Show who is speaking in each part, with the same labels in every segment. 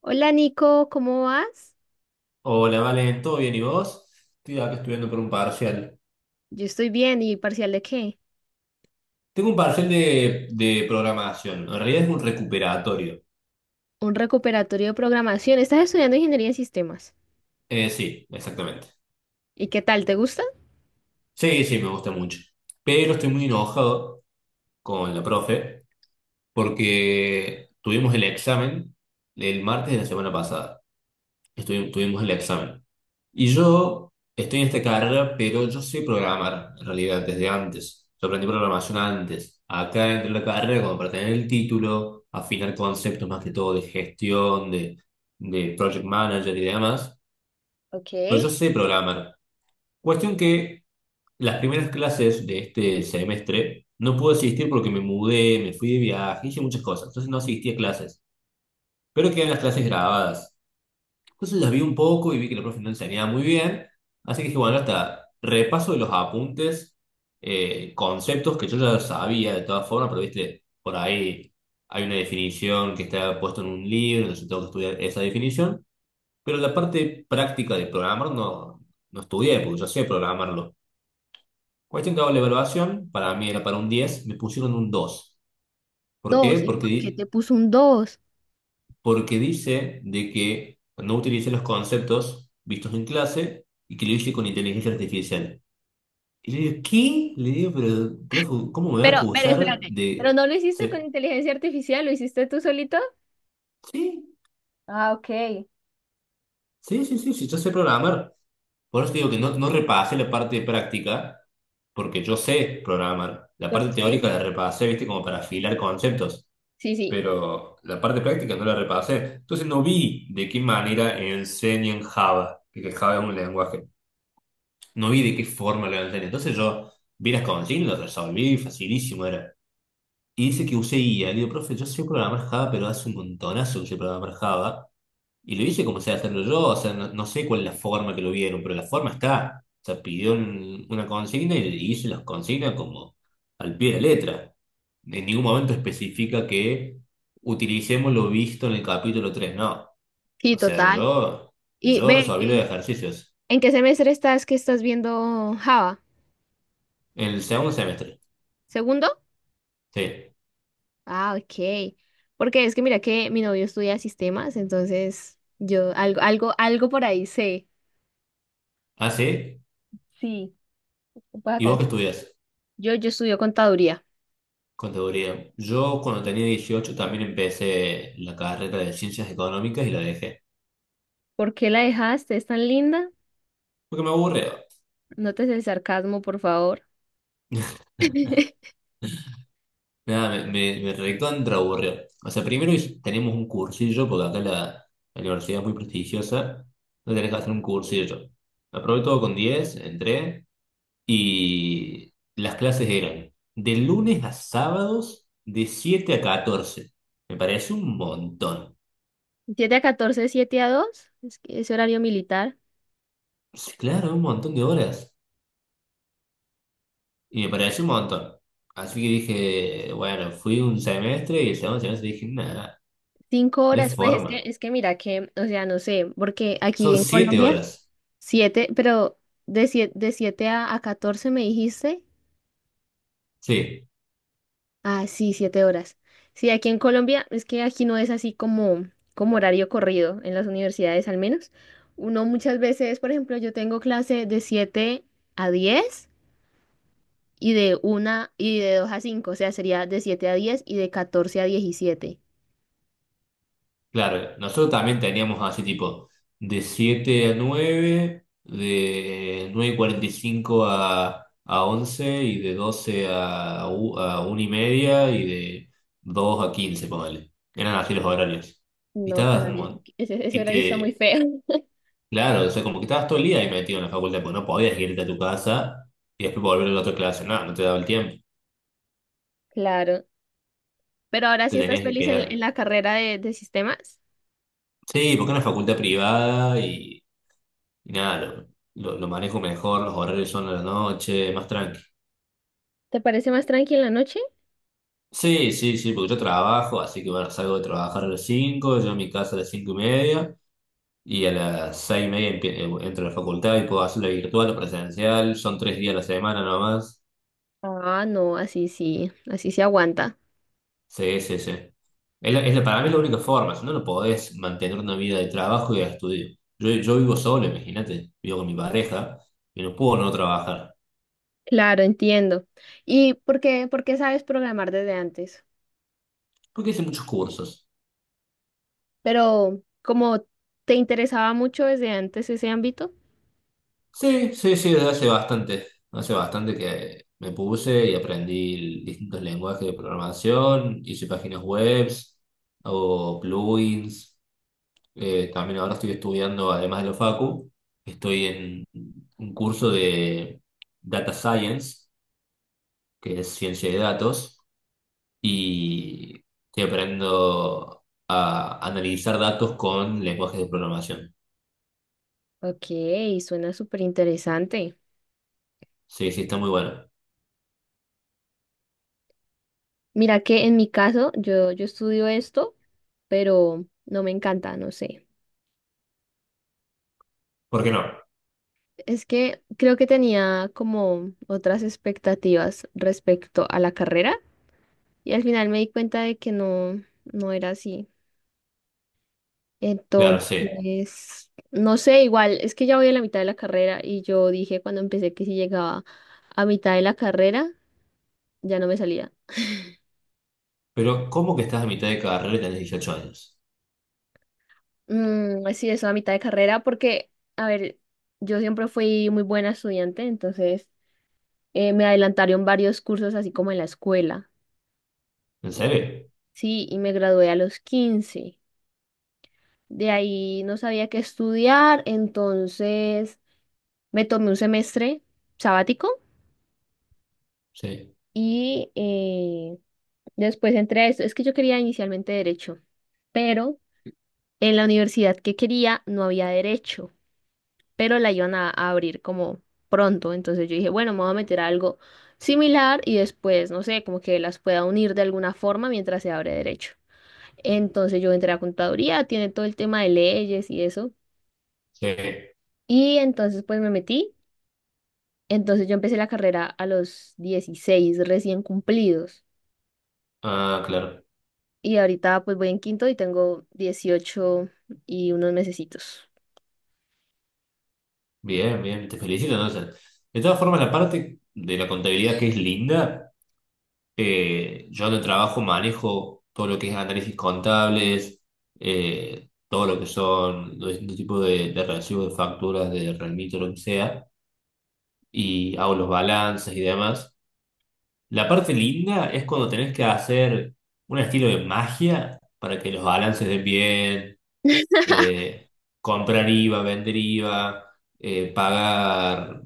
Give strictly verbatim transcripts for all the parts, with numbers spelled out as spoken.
Speaker 1: Hola Nico, ¿cómo vas?
Speaker 2: Hola, Vale, ¿todo bien? ¿Y vos? Estoy acá estudiando por un parcial.
Speaker 1: Yo estoy bien, ¿y parcial de qué?
Speaker 2: Tengo un parcial de, de programación. En realidad es un recuperatorio.
Speaker 1: Un recuperatorio de programación. Estás estudiando ingeniería en sistemas.
Speaker 2: Eh, sí, exactamente.
Speaker 1: ¿Y qué tal? ¿Te gusta?
Speaker 2: Sí, sí, me gusta mucho. Pero estoy muy enojado con la profe porque tuvimos el examen el martes de la semana pasada. estuvi- tuvimos el examen. Y yo estoy en esta carrera, pero yo sé programar en realidad desde antes. Yo aprendí programación antes. Acá dentro de la carrera, como para tener el título, afinar conceptos más que todo de gestión, de, de project manager y demás.
Speaker 1: Ok.
Speaker 2: Pero yo sé programar. Cuestión que las primeras clases de este semestre no pude asistir porque me mudé, me fui de viaje, hice muchas cosas. Entonces no asistí a clases. Pero quedan las clases grabadas. Entonces las vi un poco y vi que la profe no enseñaba muy bien, así que dije, bueno, hasta repaso de los apuntes, eh, conceptos que yo ya sabía de todas formas, pero viste, por ahí hay una definición que está puesta en un libro, entonces tengo que estudiar esa definición, pero la parte práctica de programar no, no estudié, porque yo sé programarlo. Cuestión que hago la evaluación, para mí era para un diez, me pusieron un dos. ¿Por qué?
Speaker 1: Dos. ¿Y por qué
Speaker 2: Porque
Speaker 1: te puso un dos?
Speaker 2: porque dice de que no utilice los conceptos vistos en clase y que lo hice con inteligencia artificial. Y le digo, ¿qué? Le digo, pero, profe, ¿cómo me va a
Speaker 1: Pero, pero
Speaker 2: acusar
Speaker 1: espérate. ¿Pero
Speaker 2: de...
Speaker 1: no lo hiciste con
Speaker 2: se-
Speaker 1: inteligencia artificial? ¿Lo hiciste tú solito?
Speaker 2: Sí,
Speaker 1: Ah, ok.
Speaker 2: sí, sí, sí, sí, yo sé programar. Por eso te digo que no, no repasé la parte de práctica, porque yo sé programar. La parte
Speaker 1: Ok.
Speaker 2: teórica la repasé, viste, como para afilar conceptos.
Speaker 1: Sí, sí.
Speaker 2: Pero la parte práctica no la repasé. Entonces no vi de qué manera enseñan Java, porque Java es un lenguaje. No vi de qué forma lo levantaría. Entonces yo vi las consignas, lo resolví, facilísimo era. Y dice que usé I A. Le digo, profe, yo sé programar Java, pero hace un montonazo que sé programar Java. Y lo hice como sé hacerlo yo, o sea, no, no sé cuál es la forma que lo vieron, pero la forma está. O sea, pidió un- una consigna y y hice las consignas como al pie de la letra. En ningún momento especifica que utilicemos lo visto en el capítulo tres, no.
Speaker 1: Sí,
Speaker 2: O sea,
Speaker 1: total.
Speaker 2: yo,
Speaker 1: Y
Speaker 2: yo
Speaker 1: ve,
Speaker 2: resolví los
Speaker 1: ¿qué-
Speaker 2: ejercicios
Speaker 1: ¿en qué semestre estás que estás viendo Java?
Speaker 2: en el segundo semestre.
Speaker 1: ¿Segundo?
Speaker 2: Sí.
Speaker 1: Ah, ok. Porque es que mira que mi novio estudia sistemas, entonces yo algo, algo, algo por ahí sé.
Speaker 2: Ah, sí.
Speaker 1: Sí, pues
Speaker 2: ¿Y
Speaker 1: acá.
Speaker 2: vos qué estudias?
Speaker 1: Yo, yo estudio contaduría.
Speaker 2: Contaduría. Yo cuando tenía dieciocho también empecé la carrera de ciencias económicas y la dejé.
Speaker 1: ¿Por qué la dejaste? ¿Es tan linda?
Speaker 2: Porque me aburrió.
Speaker 1: Notes el sarcasmo, por favor.
Speaker 2: Nada, me, me, me recontra aburrió. O sea, primero hice- tenemos un cursillo, porque acá la, la universidad es muy prestigiosa. No tenés que hacer un cursillo. Aprobé todo con diez, entré y las clases eran de lunes a sábados de siete a catorce. Me pareció un montón.
Speaker 1: Siete a catorce, siete a dos. Es que es horario militar.
Speaker 2: Claro, un montón de horas. Y me pareció un montón. Así que dije, bueno, fui un semestre y el segundo semestre dije, nada,
Speaker 1: Cinco
Speaker 2: no hay
Speaker 1: horas, pues es que,
Speaker 2: forma.
Speaker 1: es que mira que, o sea, no sé, porque aquí
Speaker 2: Son
Speaker 1: en
Speaker 2: siete
Speaker 1: Colombia,
Speaker 2: horas.
Speaker 1: siete, pero de siete, de siete a, a catorce me dijiste.
Speaker 2: Sí,
Speaker 1: Ah, sí, siete horas. Sí, aquí en Colombia es que aquí no es así como, como horario corrido, en las universidades al menos. Uno muchas veces, por ejemplo, yo tengo clase de siete a diez y de una y de dos a cinco. O sea, sería de siete a diez y de catorce a diecisiete.
Speaker 2: claro. Nosotros también teníamos así tipo de siete a nueve, de nueve y cuarenta y cinco a, a once y de doce a, u- a una y media y de dos a quince, ponele. Eran así los horarios. Y
Speaker 1: No, qué
Speaker 2: estabas,
Speaker 1: horario,
Speaker 2: mon-
Speaker 1: ese, ese
Speaker 2: y
Speaker 1: horario está muy
Speaker 2: te,
Speaker 1: feo.
Speaker 2: Claro, o sea, como que estabas todo el día ahí metido en la facultad, porque no podías irte a tu casa y después volver a la otra clase. No, no te daba el tiempo.
Speaker 1: Claro. Pero ahora
Speaker 2: Te
Speaker 1: sí estás
Speaker 2: tenías que
Speaker 1: feliz en, en
Speaker 2: quedar.
Speaker 1: la carrera de, de sistemas.
Speaker 2: Sí, porque es una facultad privada y, y nada, lo, lo- lo manejo mejor, los horarios son a la noche, más tranqui.
Speaker 1: ¿Te parece más tranquila la noche?
Speaker 2: Sí, sí, sí, porque yo trabajo, así que bueno, salgo de trabajar a las cinco, yo a mi casa a las cinco y media y a las seis y media empie- eh, entro a la facultad y puedo hacerlo virtual o presencial. Son tres días a la semana nomás.
Speaker 1: Ah, no, así sí, así sí aguanta.
Speaker 2: Sí, sí, sí. Es la- es la- para mí es la única forma, si no, no podés mantener una vida de trabajo y de estudio. Yo, yo vivo solo, imagínate, vivo con mi pareja y no puedo no trabajar,
Speaker 1: Claro, entiendo. ¿Y por qué, por qué sabes programar desde antes?
Speaker 2: porque hice muchos cursos.
Speaker 1: Pero como te interesaba mucho desde antes ese ámbito.
Speaker 2: Sí, sí, sí, desde hace bastante, hace bastante que me puse y aprendí distintos lenguajes de programación, hice páginas webs, hago plugins, eh, también ahora estoy estudiando, además de lo facu, estoy en un curso de data science, que es ciencia de datos, y estoy aprendiendo a analizar datos con lenguajes de programación.
Speaker 1: Ok, suena súper interesante.
Speaker 2: Sí, sí, está muy bueno.
Speaker 1: Mira que en mi caso yo, yo estudio esto, pero no me encanta, no sé.
Speaker 2: ¿Por qué no?
Speaker 1: Es que creo que tenía como otras expectativas respecto a la carrera. Y al final me di cuenta de que no, no era así.
Speaker 2: Claro, sí.
Speaker 1: Entonces, no sé, igual, es que ya voy a la mitad de la carrera y yo dije cuando empecé que si llegaba a mitad de la carrera, ya no me salía.
Speaker 2: Pero ¿cómo que estás a mitad de carrera y tenés dieciocho años?
Speaker 1: Mm, sí, eso a mitad de carrera porque, a ver, yo siempre fui muy buena estudiante, entonces eh, me adelantaron varios cursos así como en la escuela.
Speaker 2: ¿En
Speaker 1: Y-
Speaker 2: serio?
Speaker 1: Sí, y me gradué a los quince. De ahí no sabía qué estudiar, entonces me tomé un semestre sabático
Speaker 2: Sí,
Speaker 1: y eh, después entré a esto. Es que yo quería inicialmente derecho, pero en la universidad que quería no había derecho, pero la iban a, a abrir como pronto. Entonces yo dije, bueno, me voy a meter a algo similar y después, no sé, como que las pueda unir de alguna forma mientras se abre derecho. Entonces yo entré a contaduría, tiene todo el tema de leyes y eso.
Speaker 2: sí.
Speaker 1: Y entonces pues me metí. Entonces yo empecé la carrera a los dieciséis recién cumplidos.
Speaker 2: Ah, claro.
Speaker 1: Y ahorita pues voy en quinto y tengo dieciocho y unos mesecitos.
Speaker 2: Bien, bien, te felicito entonces. De todas formas, la parte de la contabilidad que es linda. Eh, yo en el trabajo manejo todo lo que es análisis contables, eh, todo lo que son los distintos tipos de, de recibos, de facturas, de remito, lo que sea, y hago los balances y demás. La parte linda es cuando tenés que hacer un estilo de magia para que los balances den bien, eh, comprar IVA, vender IVA, eh, pagar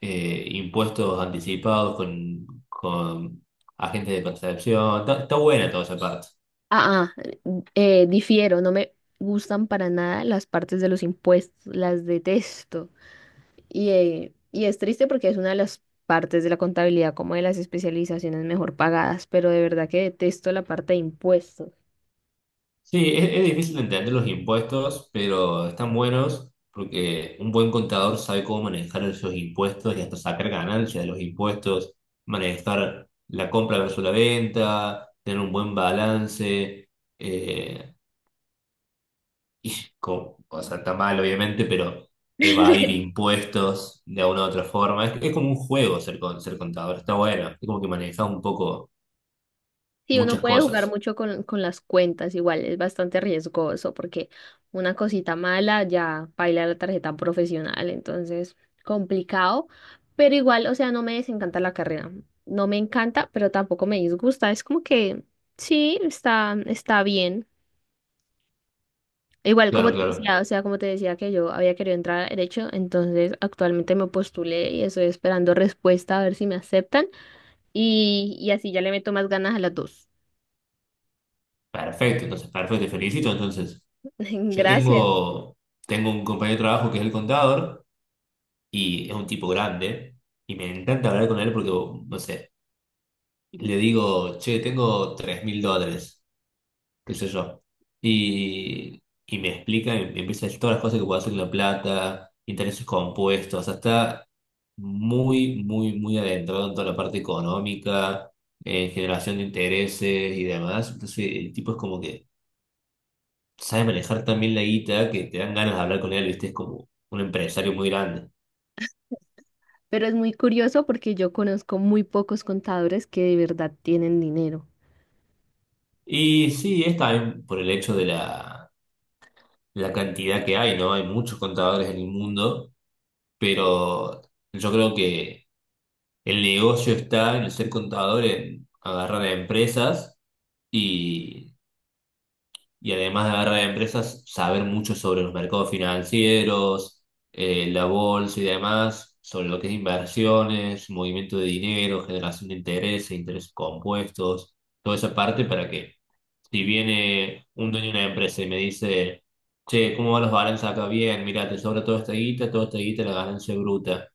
Speaker 2: eh, impuestos anticipados con, con agentes de percepción. Está, está buena toda esa parte.
Speaker 1: Ah, ah, eh, difiero, no me gustan para nada las partes de los impuestos, las detesto. Y, eh, y es triste porque es una de las partes de la contabilidad, como de las especializaciones mejor pagadas, pero de verdad que detesto la parte de impuestos.
Speaker 2: Sí, es, es difícil de entender los impuestos, pero están buenos porque un buen contador sabe cómo manejar esos impuestos y hasta sacar ganancias de los impuestos, manejar la compra versus la venta, tener un buen balance. Eh, y co- o sea, está mal, obviamente, pero evadir impuestos de una u otra forma. Es, es como un juego ser, con- ser contador, está bueno. Es como que manejas un poco
Speaker 1: Sí, uno
Speaker 2: muchas
Speaker 1: puede jugar
Speaker 2: cosas.
Speaker 1: mucho con, con las cuentas, igual es bastante riesgoso porque una cosita mala ya baila la tarjeta profesional, entonces complicado, pero igual, o sea, no me desencanta la carrera, no me encanta, pero tampoco me disgusta, es como que sí, está, está bien. Igual como
Speaker 2: Claro,
Speaker 1: te
Speaker 2: claro.
Speaker 1: decía, o sea, como te decía que yo había querido entrar a derecho, entonces actualmente me postulé y estoy esperando respuesta a ver si me aceptan y, y así ya le meto más ganas a las dos.
Speaker 2: Perfecto, entonces, perfecto, te felicito. Entonces, yo
Speaker 1: Gracias.
Speaker 2: tengo, tengo un compañero de trabajo que es el contador y es un tipo grande y me encanta hablar con él porque, no sé, le digo, che, tengo tres mil dólares. Qué sé yo. Y, y me explica, me, me empieza a decir todas las cosas que puedo hacer con la plata, intereses compuestos, o sea, está muy, muy, muy adentrado en toda la parte económica, eh, generación de intereses y demás. Entonces, el tipo es como que sabe manejar también la guita, que te dan ganas de hablar con él, ¿viste? Es como un empresario muy grande.
Speaker 1: Pero es muy curioso porque yo conozco muy pocos contadores que de verdad tienen dinero.
Speaker 2: Y sí, es también por el hecho de la, la cantidad que hay, ¿no? Hay muchos contadores en el mundo, pero yo creo que el negocio está en el ser contador, en agarrar a empresas y, y además de agarrar a empresas, saber mucho sobre los mercados financieros, eh, la bolsa y demás, sobre lo que es inversiones, movimiento de dinero, generación de intereses, intereses compuestos, toda esa parte para que, si viene un dueño de una empresa y me dice, che, ¿cómo van los balances acá? Bien, mira, te sobra toda esta guita, toda esta guita, la ganancia bruta.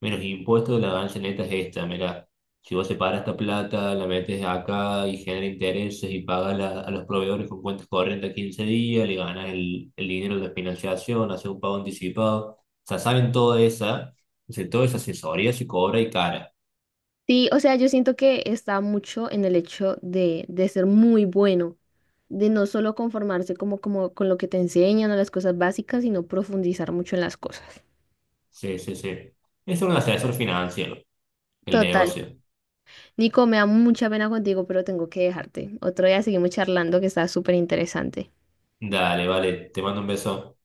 Speaker 2: Mira, los impuestos de la ganancia neta es esta, mira, si vos separas esta plata, la metes acá y genera intereses y pagas la- a los proveedores con cuentas corrientes a quince días, le ganas el, el dinero de la financiación, haces un pago anticipado, o sea, saben toda esa, o sea, toda esa asesoría se cobra, y cara.
Speaker 1: Sí, o sea, yo siento que está mucho en el hecho de, de ser muy bueno, de no solo conformarse como, como con lo que te enseñan o las cosas básicas, sino profundizar mucho en las cosas.
Speaker 2: Sí, sí, sí. Es un asesor financiero, el
Speaker 1: Total.
Speaker 2: negocio.
Speaker 1: Nico, me da mucha pena contigo, pero tengo que dejarte. Otro día seguimos charlando que está súper interesante.
Speaker 2: Dale, vale, te mando un beso.